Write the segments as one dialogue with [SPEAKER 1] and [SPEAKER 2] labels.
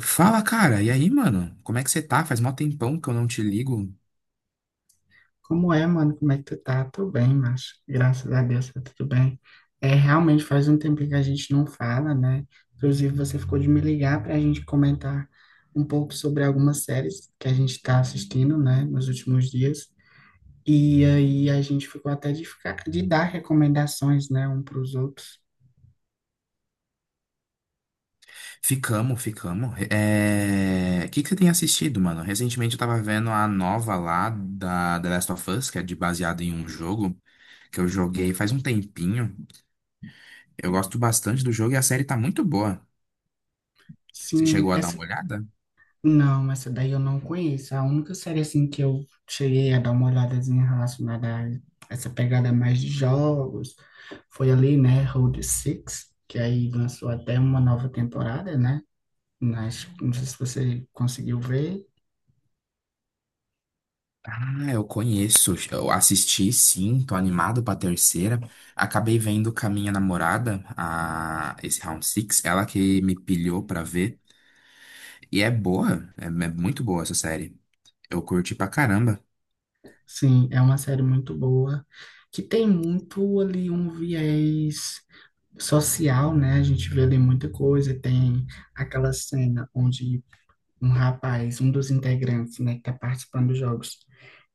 [SPEAKER 1] Fala, cara. E aí, mano? Como é que você tá? Faz mó tempão que eu não te ligo.
[SPEAKER 2] Como é, mano? Como é que tu tá? Tô bem, macho. Graças a Deus, tá tudo bem. É, realmente faz um tempo que a gente não fala, né? Inclusive, você ficou de me ligar pra gente comentar um pouco sobre algumas séries que a gente tá assistindo, né, nos últimos dias. E aí a gente ficou até de dar recomendações, né, um pros outros.
[SPEAKER 1] Ficamos. O que que você tem assistido, mano? Recentemente eu tava vendo a nova lá da The Last of Us, que é de baseado em um jogo que eu joguei faz um tempinho. Eu gosto bastante do jogo e a série tá muito boa. Você
[SPEAKER 2] Sim,
[SPEAKER 1] chegou a dar
[SPEAKER 2] essa
[SPEAKER 1] uma olhada?
[SPEAKER 2] Não, essa daí eu não conheço. A única série assim que eu cheguei a dar uma olhadazinha relacionada a essa pegada mais de jogos foi ali, né, Road Six, que aí lançou até uma nova temporada, né? Mas não sei se você conseguiu ver.
[SPEAKER 1] Ah, eu conheço. Eu assisti, sim. Tô animado pra terceira. Acabei vendo com a minha namorada, esse Round six ela que me pilhou pra ver. E é boa, é muito boa essa série. Eu curti pra caramba.
[SPEAKER 2] Sim, é uma série muito boa, que tem muito ali um viés social, né? A gente vê ali muita coisa, tem aquela cena onde um rapaz, um dos integrantes, né, que está participando dos jogos,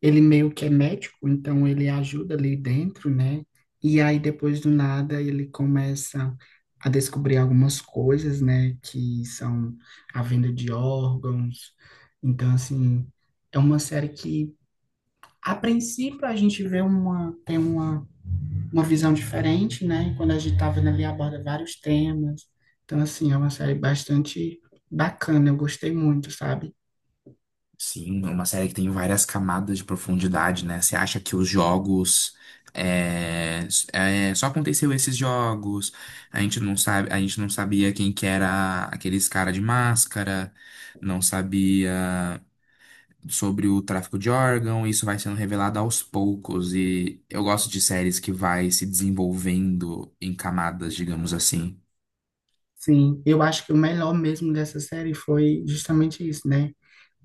[SPEAKER 2] ele meio que é médico, então ele ajuda ali dentro, né? E aí depois do nada ele começa a descobrir algumas coisas, né, que são a venda de órgãos. Então assim, é uma série que a princípio a gente vê uma tem uma visão diferente, né? Quando a gente tá vendo ali aborda vários temas. Então assim, é uma série bastante bacana, eu gostei muito, sabe?
[SPEAKER 1] Sim, é uma série que tem várias camadas de profundidade, né? Você acha que os jogos. Só aconteceu esses jogos. A gente não sabia quem que era aqueles cara de máscara, não sabia sobre o tráfico de órgão. Isso vai sendo revelado aos poucos. E eu gosto de séries que vai se desenvolvendo em camadas, digamos assim.
[SPEAKER 2] Sim, eu acho que o melhor mesmo dessa série foi justamente isso, né?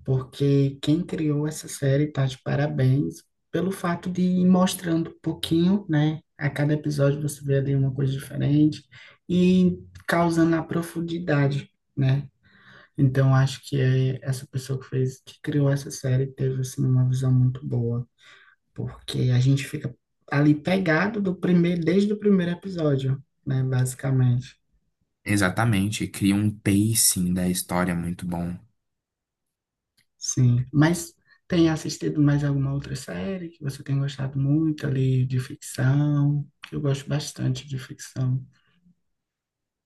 [SPEAKER 2] Porque quem criou essa série tá de parabéns pelo fato de ir mostrando um pouquinho, né? A cada episódio você vê ali uma coisa diferente e causando a profundidade, né? Então acho que é essa pessoa que criou essa série teve assim uma visão muito boa, porque a gente fica ali pegado desde o primeiro episódio, né? Basicamente.
[SPEAKER 1] Exatamente, cria um pacing da história muito bom.
[SPEAKER 2] Sim, mas tem assistido mais alguma outra série que você tem gostado muito ali de ficção? Que eu gosto bastante de ficção.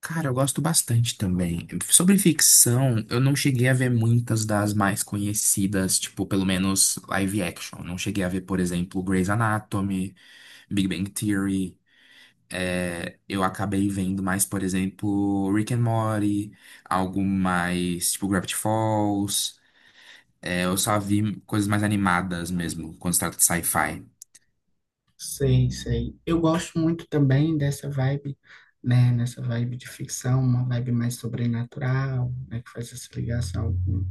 [SPEAKER 1] Cara, eu gosto bastante também. Sobre ficção, eu não cheguei a ver muitas das mais conhecidas, tipo, pelo menos live action. Não cheguei a ver, por exemplo, Grey's Anatomy, Big Bang Theory. É, eu acabei vendo mais, por exemplo, Rick and Morty, algo mais tipo Gravity Falls. É, eu só vi coisas mais animadas mesmo, quando se trata de sci-fi.
[SPEAKER 2] Sei, sei. Eu gosto muito também dessa vibe, né? Nessa vibe de ficção, uma vibe mais sobrenatural, né? Que faz essa ligação com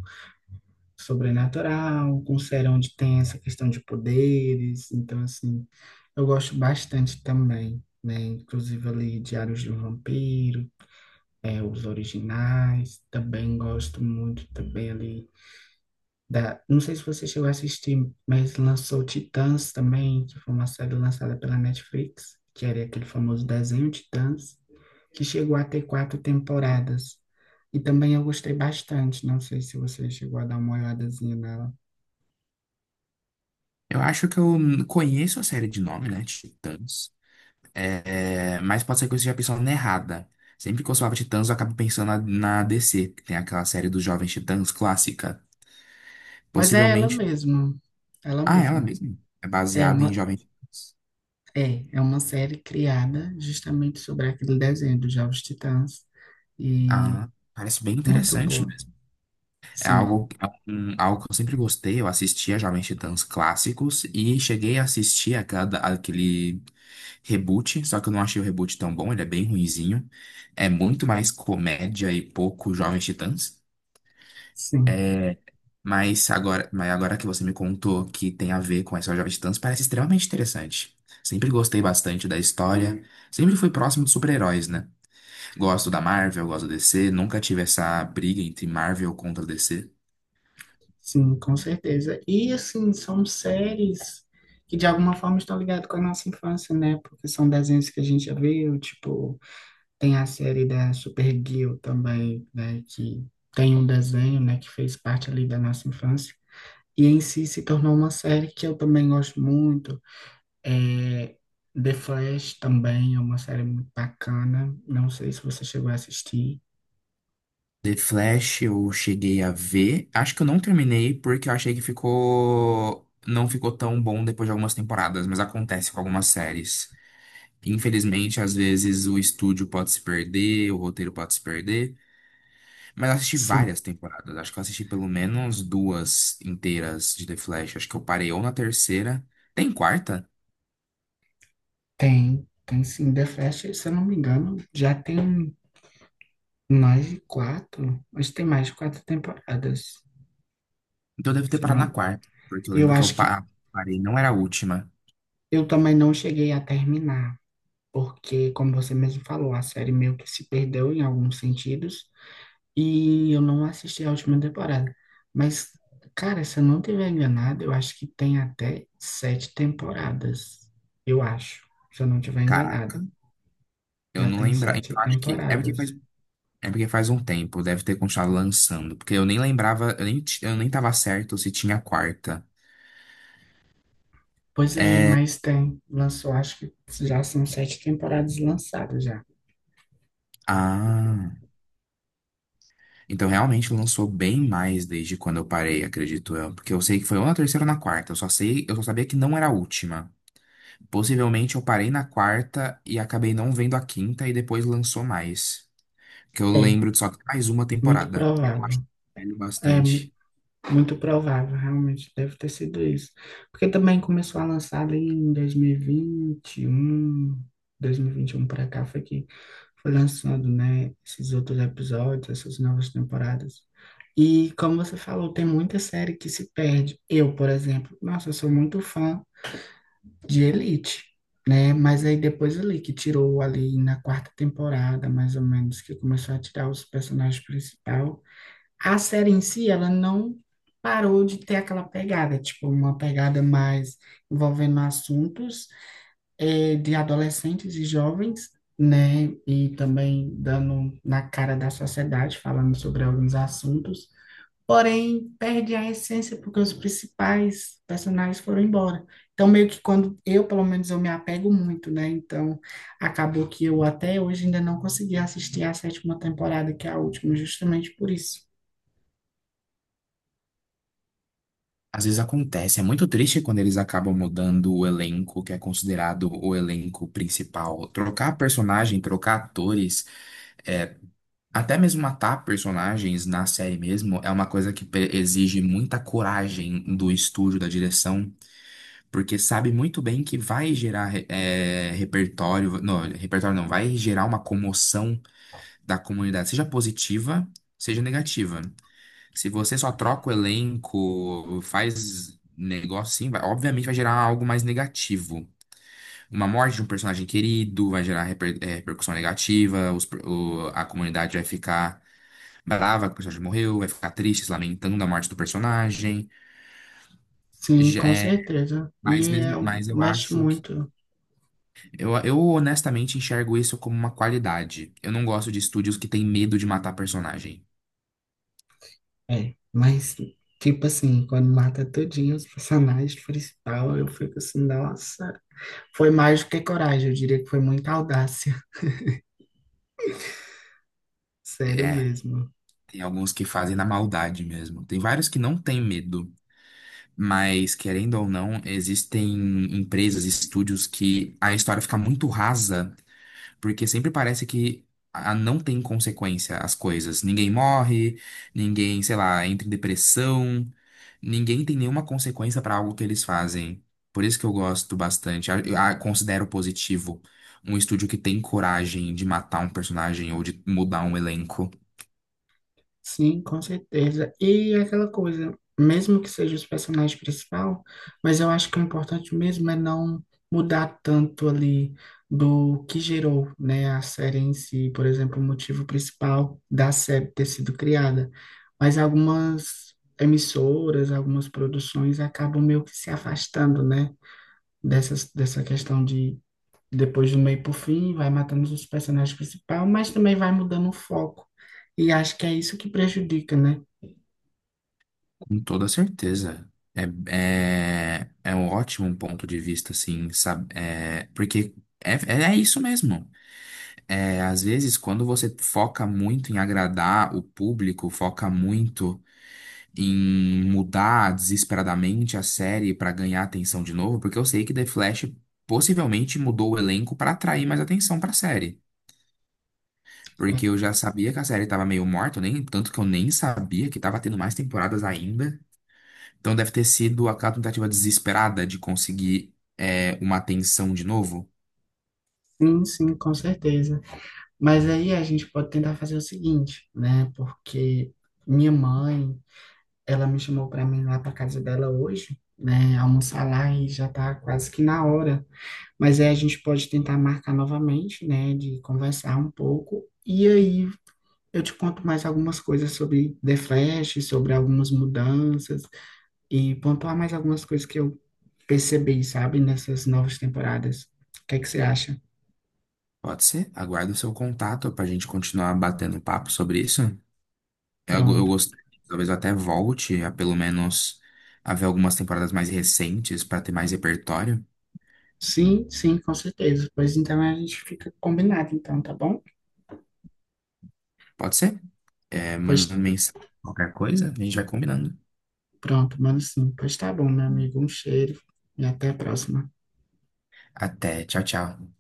[SPEAKER 2] sobrenatural, com um série onde tem essa questão de poderes. Então, assim, eu gosto bastante também, né? Inclusive ali Diários de um Vampiro. É, os originais. Também gosto muito também ali da. Não sei se você chegou a assistir, mas lançou Titãs também, que foi uma série lançada pela Netflix, que era aquele famoso desenho Titãs, que chegou a ter quatro temporadas. E também eu gostei bastante. Não sei se você chegou a dar uma olhadazinha nela.
[SPEAKER 1] Eu acho que eu conheço a série de nome, né? Titãs. É, mas pode ser que eu esteja pensando errada. Sempre que eu falava Titãs, eu acabo pensando na DC, que tem aquela série dos Jovens Titãs clássica.
[SPEAKER 2] Mas é ela
[SPEAKER 1] Possivelmente.
[SPEAKER 2] mesma. Ela
[SPEAKER 1] Ah, é ela
[SPEAKER 2] mesma.
[SPEAKER 1] mesma. É
[SPEAKER 2] É
[SPEAKER 1] baseada em
[SPEAKER 2] uma,
[SPEAKER 1] Jovens Titãs.
[SPEAKER 2] é uma série criada justamente sobre aquele desenho dos Jovens Titãs. E
[SPEAKER 1] Ah, parece bem
[SPEAKER 2] Muito
[SPEAKER 1] interessante
[SPEAKER 2] boa.
[SPEAKER 1] mesmo. É
[SPEAKER 2] Sim,
[SPEAKER 1] algo, é algo que eu sempre gostei. Eu assistia Jovens Titãs clássicos e cheguei a assistir aquele reboot, só que eu não achei o reboot tão bom, ele é bem ruinzinho. É muito mais comédia e pouco Jovens Titãs.
[SPEAKER 2] sim,
[SPEAKER 1] Mas agora que você me contou que tem a ver com essa Jovem Titãs, parece extremamente interessante. Sempre gostei bastante da história, sempre fui próximo de super-heróis, né? Gosto da Marvel, gosto da DC, nunca tive essa briga entre Marvel contra DC.
[SPEAKER 2] sim, com certeza. E assim, são séries que de alguma forma estão ligadas com a nossa infância, né? Porque são desenhos que a gente já viu, tipo, tem a série da Supergirl também, né? Que tem um desenho, né, que fez parte ali da nossa infância. E em si se tornou uma série que eu também gosto muito. É, The Flash também é uma série muito bacana. Não sei se você chegou a assistir.
[SPEAKER 1] The Flash eu cheguei a ver, acho que eu não terminei porque eu achei que ficou não ficou tão bom depois de algumas temporadas, mas acontece com algumas séries. Infelizmente, às vezes o estúdio pode se perder, o roteiro pode se perder. Mas eu assisti
[SPEAKER 2] Sim,
[SPEAKER 1] várias temporadas. Acho que eu assisti pelo menos duas inteiras de The Flash. Acho que eu parei ou na terceira. Tem quarta?
[SPEAKER 2] tem. Tem sim, The Flash, se eu não me engano, já tem mais de quatro? Acho que tem mais de quatro temporadas.
[SPEAKER 1] Então eu devo ter
[SPEAKER 2] Se
[SPEAKER 1] parado na
[SPEAKER 2] não,
[SPEAKER 1] quarta. Porque eu
[SPEAKER 2] eu
[SPEAKER 1] lembro que eu
[SPEAKER 2] acho que
[SPEAKER 1] pa- ah, parei, não era a última.
[SPEAKER 2] eu também não cheguei a terminar, porque, como você mesmo falou, a série meio que se perdeu em alguns sentidos e eu não assisti a última temporada. Mas, cara, se eu não estiver enganado, eu acho que tem até sete temporadas. Eu acho, se eu não estiver
[SPEAKER 1] Caraca,
[SPEAKER 2] enganado.
[SPEAKER 1] eu
[SPEAKER 2] Já
[SPEAKER 1] não
[SPEAKER 2] tem
[SPEAKER 1] lembrava.
[SPEAKER 2] sete
[SPEAKER 1] Então acho que.
[SPEAKER 2] temporadas.
[SPEAKER 1] É porque faz um tempo. Deve ter continuado lançando. Porque eu nem lembrava. Eu nem tava certo se tinha a quarta.
[SPEAKER 2] Pois é,
[SPEAKER 1] É.
[SPEAKER 2] mas tem. Lançou, acho que já são sete temporadas lançadas já.
[SPEAKER 1] Ah. Então realmente lançou bem mais desde quando eu parei, acredito eu. Porque eu sei que foi ou na terceira ou na quarta. Eu só sei. Eu só sabia que não era a última. Possivelmente eu parei na quarta e acabei não vendo a quinta e depois lançou mais. Que eu
[SPEAKER 2] É,
[SPEAKER 1] lembro de só ter mais uma
[SPEAKER 2] muito
[SPEAKER 1] temporada. Eu acho
[SPEAKER 2] provável.
[SPEAKER 1] que eu vejo
[SPEAKER 2] É
[SPEAKER 1] bastante.
[SPEAKER 2] muito provável, realmente deve ter sido isso. Porque também começou a lançar ali em dois mil e vinte e um, dois mil e vinte vinte um, e um para cá foi que foi lançando, né, esses outros episódios, essas novas temporadas. E como você falou, tem muita série que se perde. Eu, por exemplo, nossa, eu sou muito fã de Elite, né? Mas aí depois ali que tirou ali na quarta temporada, mais ou menos, que começou a tirar os personagens principal, a série em si ela não parou de ter aquela pegada, tipo uma pegada mais envolvendo assuntos de adolescentes e jovens, né? E também dando na cara da sociedade, falando sobre alguns assuntos. Porém, perde a essência porque os principais personagens foram embora. Então, meio que quando eu, pelo menos, eu me apego muito, né? Então, acabou que eu até hoje ainda não consegui assistir a sétima temporada, que é a última, justamente por isso.
[SPEAKER 1] Às vezes acontece, é muito triste quando eles acabam mudando o elenco, que é considerado o elenco principal. Trocar personagem, trocar atores, é, até mesmo matar personagens na série mesmo, é uma coisa que exige muita coragem do estúdio, da direção. Porque sabe muito bem que vai gerar eh, repertório não, vai gerar uma comoção da comunidade, seja positiva, seja negativa. Se você só troca o elenco, faz negócio assim, obviamente vai gerar algo mais negativo. Uma morte de um personagem querido vai gerar repercussão negativa, a comunidade vai ficar brava que o personagem morreu, vai ficar triste, se lamentando da morte do personagem.
[SPEAKER 2] Sim,
[SPEAKER 1] Já-
[SPEAKER 2] com
[SPEAKER 1] eh,
[SPEAKER 2] certeza.
[SPEAKER 1] mas
[SPEAKER 2] E é,
[SPEAKER 1] mesmo, mas eu
[SPEAKER 2] mexe
[SPEAKER 1] acho
[SPEAKER 2] muito.
[SPEAKER 1] Eu honestamente enxergo isso como uma qualidade. Eu não gosto de estúdios que têm medo de matar personagem.
[SPEAKER 2] É, mas, tipo assim, quando mata todinho os personagens principal, eu fico assim, nossa. Foi mais do que coragem, eu diria que foi muita audácia. Sério
[SPEAKER 1] É,
[SPEAKER 2] mesmo.
[SPEAKER 1] tem alguns que fazem na maldade mesmo. Tem vários que não têm medo. Mas, querendo ou não, existem empresas, estúdios que a história fica muito rasa. Porque sempre parece que não tem consequência as coisas. Ninguém morre, ninguém, sei lá, entra em depressão, ninguém tem nenhuma consequência para algo que eles fazem. Por isso que eu gosto bastante. Eu considero positivo um estúdio que tem coragem de matar um personagem ou de mudar um elenco.
[SPEAKER 2] Sim, com certeza. E aquela coisa, mesmo que seja os personagens principal, mas eu acho que o importante mesmo é não mudar tanto ali do que gerou, né, a série em si, por exemplo, o motivo principal da série ter sido criada. Mas algumas emissoras, algumas produções acabam meio que se afastando, né, dessa questão de depois do meio pro fim, vai matando os personagens principais, mas também vai mudando o foco. E acho que é isso que prejudica, né?
[SPEAKER 1] Com toda certeza. É, é um ótimo ponto de vista, assim, sabe? É, porque é isso mesmo. É, às vezes, quando você foca muito em agradar o público, foca muito em mudar desesperadamente a série para ganhar atenção de novo, porque eu sei que The Flash possivelmente mudou o elenco para atrair mais atenção para a série.
[SPEAKER 2] É,
[SPEAKER 1] Porque eu já sabia que a série estava meio morta, eu nem, tanto que eu nem sabia que estava tendo mais temporadas ainda. Então deve ter sido aquela tentativa desesperada de conseguir, é, uma atenção de novo.
[SPEAKER 2] sim, sim, com certeza. Mas aí a gente pode tentar fazer o seguinte, né? Porque minha mãe, ela me chamou para mim lá para casa dela hoje, né? Almoçar lá e já tá quase que na hora. Mas aí a gente pode tentar marcar novamente, né? De conversar um pouco. E aí eu te conto mais algumas coisas sobre The Flash, sobre algumas mudanças, e pontuar mais algumas coisas que eu percebi, sabe, nessas novas temporadas. O que é que você acha?
[SPEAKER 1] Pode ser? Aguardo o seu contato para a gente continuar batendo papo sobre isso. Eu
[SPEAKER 2] Pronto.
[SPEAKER 1] gostei. Talvez eu até volte a pelo menos a ver algumas temporadas mais recentes para ter mais repertório.
[SPEAKER 2] Sim, sim, com certeza. Pois então a gente fica combinado, então, tá bom?
[SPEAKER 1] Pode ser? É,
[SPEAKER 2] Pois
[SPEAKER 1] manda mensagem, qualquer coisa, a gente vai combinando.
[SPEAKER 2] pronto, mano, sim. Pois tá bom, meu amigo. Um cheiro e até a próxima.
[SPEAKER 1] Até, tchau, tchau.